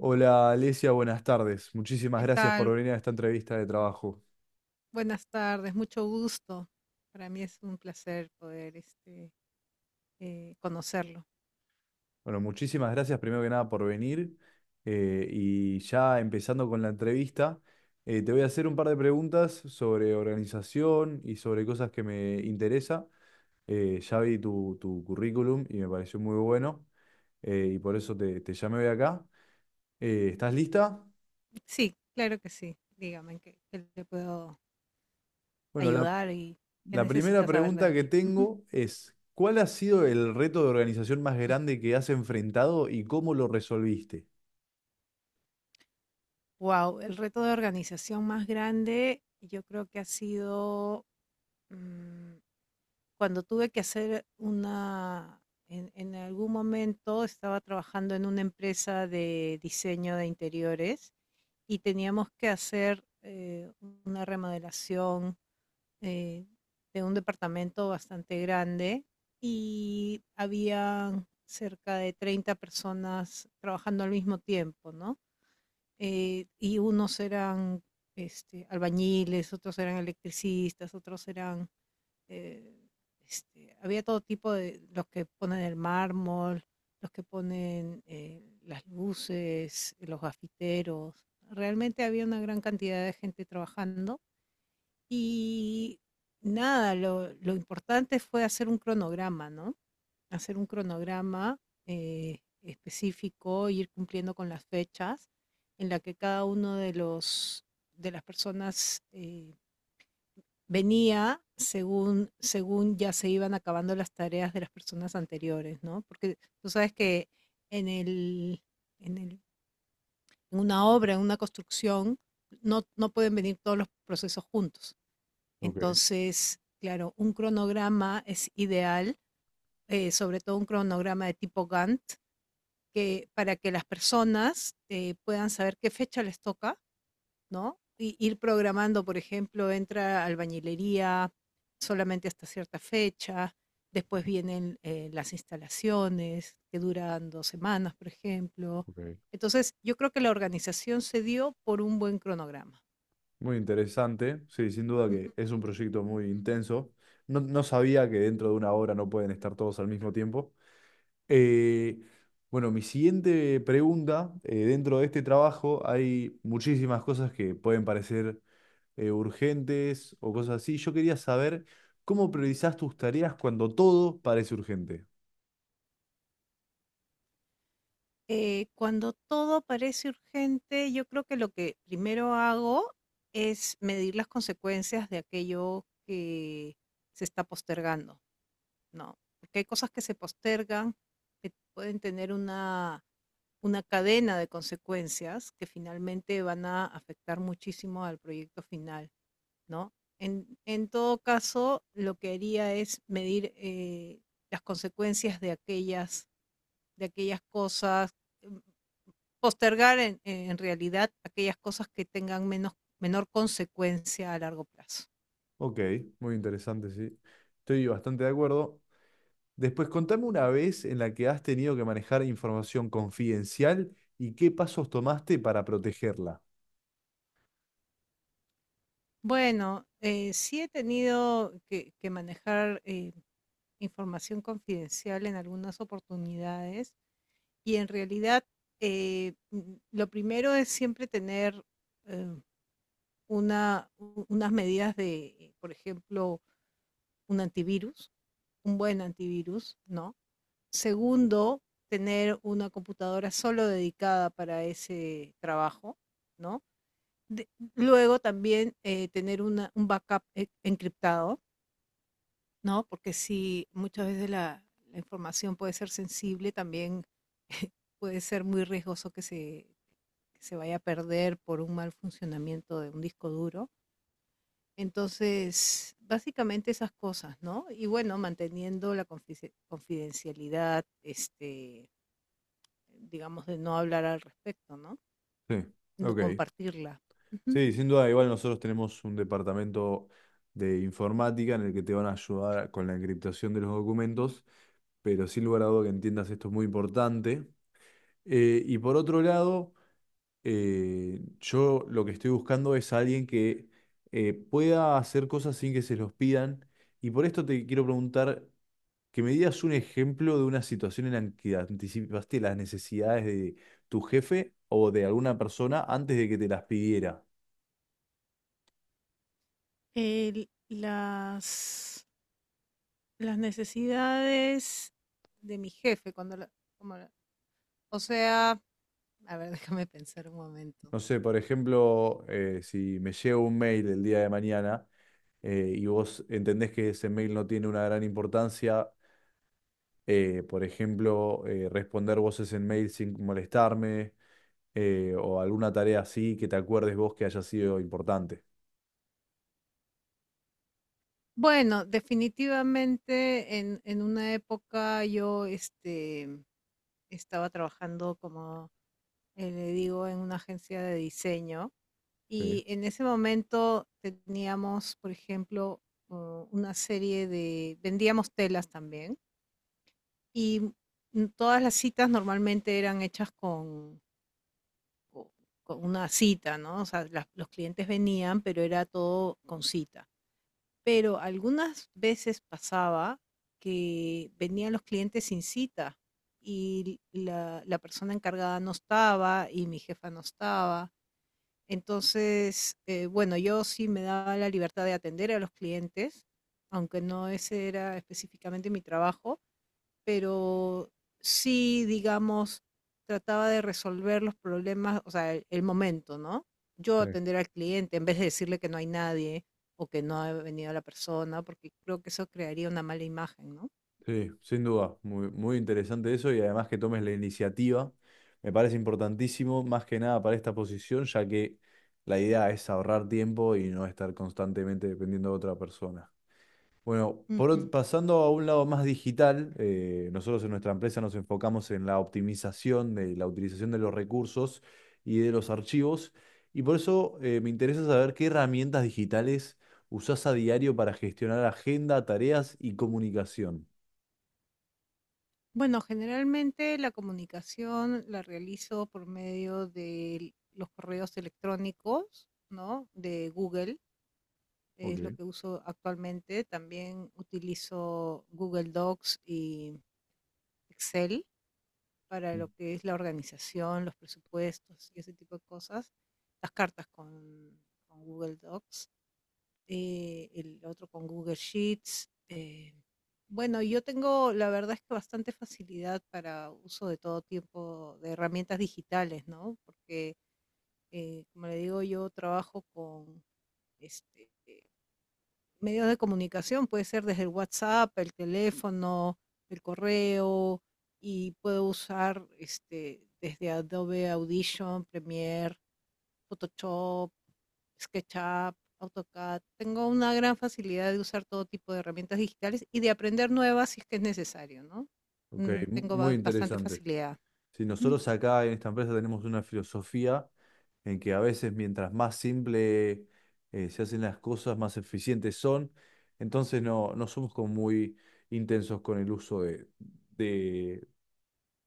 Hola Alesia, buenas tardes. Muchísimas ¿Qué gracias por tal? venir a esta entrevista de trabajo. Buenas tardes, mucho gusto. Para mí es un placer poder conocerlo. Bueno, muchísimas gracias primero que nada por venir. Y ya empezando con la entrevista, te voy a hacer un par de preguntas sobre organización y sobre cosas que me interesa. Ya vi tu currículum y me pareció muy bueno, y por eso te llamé hoy acá. ¿Estás lista? Sí, claro que sí. Dígame en qué le puedo Bueno, la, ayudar y qué La primera necesita saber de pregunta que mí. tengo es, ¿cuál ha sido el reto de organización más grande que has enfrentado y cómo lo resolviste? Wow, el reto de organización más grande yo creo que ha sido, mm, cuando tuve que hacer una, en algún momento estaba trabajando en una empresa de diseño de interiores y teníamos que hacer una remodelación, eh, de un departamento bastante grande, y había cerca de 30 personas trabajando al mismo tiempo, ¿no? Y unos eran, este, albañiles, otros eran electricistas, otros eran, eh, había todo tipo de, los que ponen el mármol, los que ponen, las luces, los gafiteros. Realmente había una gran cantidad de gente trabajando y nada, lo importante fue hacer un cronograma, ¿no? Hacer un cronograma específico, ir cumpliendo con las fechas en la que cada uno de los, de las personas, venía según, según ya se iban acabando las tareas de las personas anteriores, ¿no? Porque tú sabes que en, el, en, el, en una obra, en una construcción, no pueden venir todos los procesos juntos. Ok, Entonces, claro, un cronograma es ideal, sobre todo un cronograma de tipo Gantt, que, para que las personas puedan saber qué fecha les toca, ¿no? Y ir programando, por ejemplo, entra albañilería solamente hasta cierta fecha, después vienen, las instalaciones que duran 2 semanas, por ejemplo. ok. Entonces, yo creo que la organización se dio por un buen cronograma. Muy interesante, sí, sin duda que es un proyecto muy intenso. No, no sabía que dentro de una hora no pueden estar todos al mismo tiempo. Eh, bueno, mi siguiente pregunta. Dentro de este trabajo hay muchísimas cosas que pueden parecer urgentes o cosas así. Yo quería saber cómo priorizás tus tareas cuando todo parece urgente. Cuando todo parece urgente, yo creo que lo que primero hago es medir las consecuencias de aquello que se está postergando. No, porque hay cosas que se postergan, que pueden tener una cadena de consecuencias que finalmente van a afectar muchísimo al proyecto final, ¿no? En todo caso, lo que haría es medir, las consecuencias de aquellas cosas, mm, postergar en realidad aquellas cosas que tengan menos, menor consecuencia a largo plazo. Ok, muy interesante, sí. Estoy bastante de acuerdo. Después, contame una vez en la que has tenido que manejar información confidencial y qué pasos tomaste para protegerla. Bueno, sí he tenido que manejar, información confidencial en algunas oportunidades, y en realidad, lo primero es siempre tener, eh, una, unas medidas de, por ejemplo, un antivirus, un buen antivirus, ¿no? Segundo, tener una computadora solo dedicada para ese trabajo, ¿no? De- Luego también, tener un backup encriptado, ¿no? Porque si muchas veces la información puede ser sensible, también puede ser muy riesgoso que se vaya a perder por un mal funcionamiento de un disco duro. Entonces, básicamente esas cosas, ¿no? Y bueno, manteniendo la confidencialidad, este, digamos, de no hablar al respecto, ¿no? Sí, No ok. compartirla. Ujú. Sí, sin duda, igual nosotros tenemos un departamento de informática en el que te van a ayudar con la encriptación de los documentos, pero sin lugar a duda que entiendas esto es muy importante. Y por otro lado... yo lo que estoy buscando es alguien que pueda hacer cosas sin que se los pidan. Y por esto te quiero preguntar que me digas un ejemplo de una situación en la que anticipaste las necesidades de tu jefe o de alguna persona antes de que te las pidiera. El- las, las necesidades de mi jefe, cuando la- como la- o sea, a ver, déjame pensar un momento. No sé, por ejemplo, si me llega un mail el día de mañana y vos entendés que ese mail no tiene una gran importancia, por ejemplo, responder vos ese mail sin molestarme, o alguna tarea así que te acuerdes vos que haya sido importante. Bueno, definitivamente en una época yo, este, estaba trabajando, como, le digo, en una agencia de diseño, Sí, y en ese momento teníamos, por ejemplo, una serie de, vendíamos telas también y, todas las citas normalmente eran hechas co- con una cita, ¿no? O sea, los clientes venían, pero era todo con cita. Pero algunas veces pasaba que venían los clientes sin cita, y la persona encargada no estaba y mi jefa no estaba. Entonces, bueno, yo sí me daba la libertad de atender a los clientes, aunque no ese era específicamente mi trabajo, pero sí, digamos, trataba de resolver los problemas, o sea, el momento, ¿no? Yo sí. atender al cliente en vez de decirle que no hay nadie o que no ha venido la persona, porque creo que eso crearía una mala imagen, ¿no? Sí, sin duda, muy, muy interesante eso, y además que tomes la iniciativa, me parece importantísimo, más que nada para esta posición, ya que la idea es ahorrar tiempo y no estar constantemente dependiendo de otra persona. Bueno, Ujú. pasando a un lado más digital, nosotros en nuestra empresa nos enfocamos en la optimización de la utilización de los recursos y de los archivos, y por eso me interesa saber qué herramientas digitales usás a diario para gestionar agenda, tareas y comunicación. Bueno, generalmente la comunicación la realizo por medio de los correos electrónicos, ¿no? De Google, es lo Ok. que uso actualmente. También utilizo Google Docs y Excel para Mm. lo que es la organización, los presupuestos y ese tipo de cosas, las con Google Docs, el otro con Google Sheets. Bueno, yo tengo, la verdad es que bastante facilidad para uso de todo tipo de herramientas digitales, ¿no? Porque, como le digo, yo trabajo con, este, medios de comunicación, puede ser desde el WhatsApp, el teléfono, el correo, y puedo usar, este, desde Adobe Audition, Premiere, Photoshop, SketchUp, AutoCAD. Tengo una gran facilidad de usar todo tipo de herramientas digitales y de aprender nuevas si es que es necesario, ¿no? Ok, Tengo muy bastante interesante. facilidad. Si Ujú. nosotros acá en esta empresa tenemos una filosofía, en que a veces mientras más simple se hacen las cosas, más eficientes son. Entonces no, no somos como muy intensos con el uso de,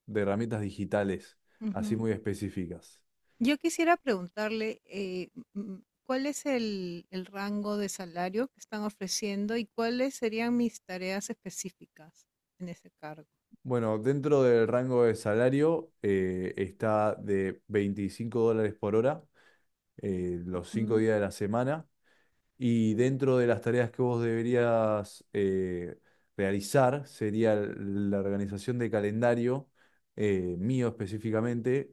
de herramientas digitales, así Ujú. muy específicas. Yo quisiera preguntarle, ¿cuál es el rango de salario que están ofreciendo y cuáles serían mis tareas específicas en ese cargo? Bueno, dentro del rango de salario está de $25 por hora, los cinco Mm. días de la semana. Y dentro de las tareas que vos deberías realizar sería la organización de calendario, mío específicamente,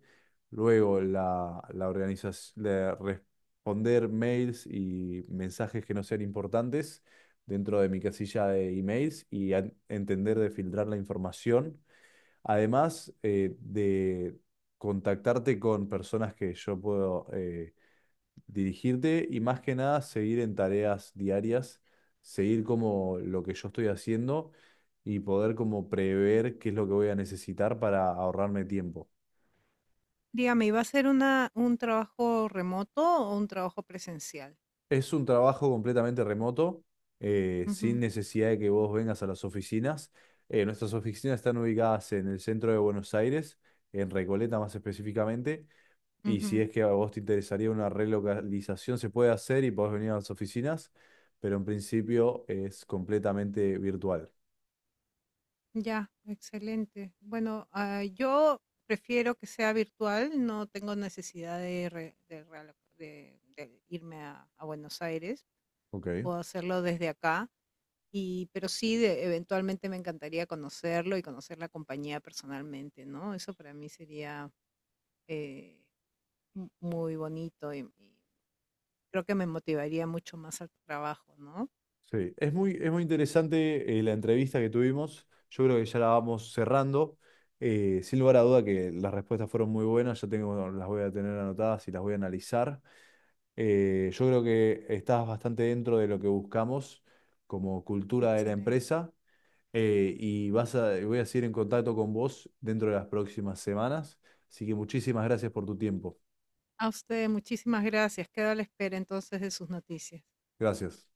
luego la organización, responder mails y mensajes que no sean importantes dentro de mi casilla de emails y entender de filtrar la información, además de contactarte con personas que yo puedo... dirigirte, y más que nada seguir en tareas diarias, seguir como lo que yo estoy haciendo y poder como prever qué es lo que voy a necesitar para ahorrarme tiempo. Dígame, ¿iba a ser una, un trabajo remoto o un trabajo presencial? Es un trabajo completamente remoto, sin Ujú, necesidad de que vos vengas a las oficinas. Nuestras oficinas están ubicadas en el centro de Buenos Aires, en Recoleta más específicamente. Y si ujú. es que a vos te interesaría una relocalización, se puede hacer y podés venir a las oficinas, pero en principio es completamente virtual. Ya, excelente. Bueno, ah, yo prefiero que sea virtual, no tengo necesidad de, re- de realo- de irme a Buenos Aires, Ok. puedo hacerlo desde acá. Y, pero sí, de eventualmente me encantaría conocerlo y conocer la compañía personalmente, ¿no? Eso para mí sería, eh, muy bonito y creo que me motivaría mucho más al trabajo, ¿no? Sí, es muy interesante la entrevista que tuvimos. Yo creo que ya la vamos cerrando. Sin lugar a duda que las respuestas fueron muy buenas. Yo tengo, bueno, las voy a tener anotadas y las voy a analizar. Yo creo que estás bastante dentro de lo que buscamos como cultura de la Excelente. empresa. Y vas a, voy a seguir en contacto con vos dentro de las próximas semanas. Así que muchísimas gracias por tu tiempo. A usted, muchísimas gracias. Quedo a la espera entonces de sus noticias. Gracias.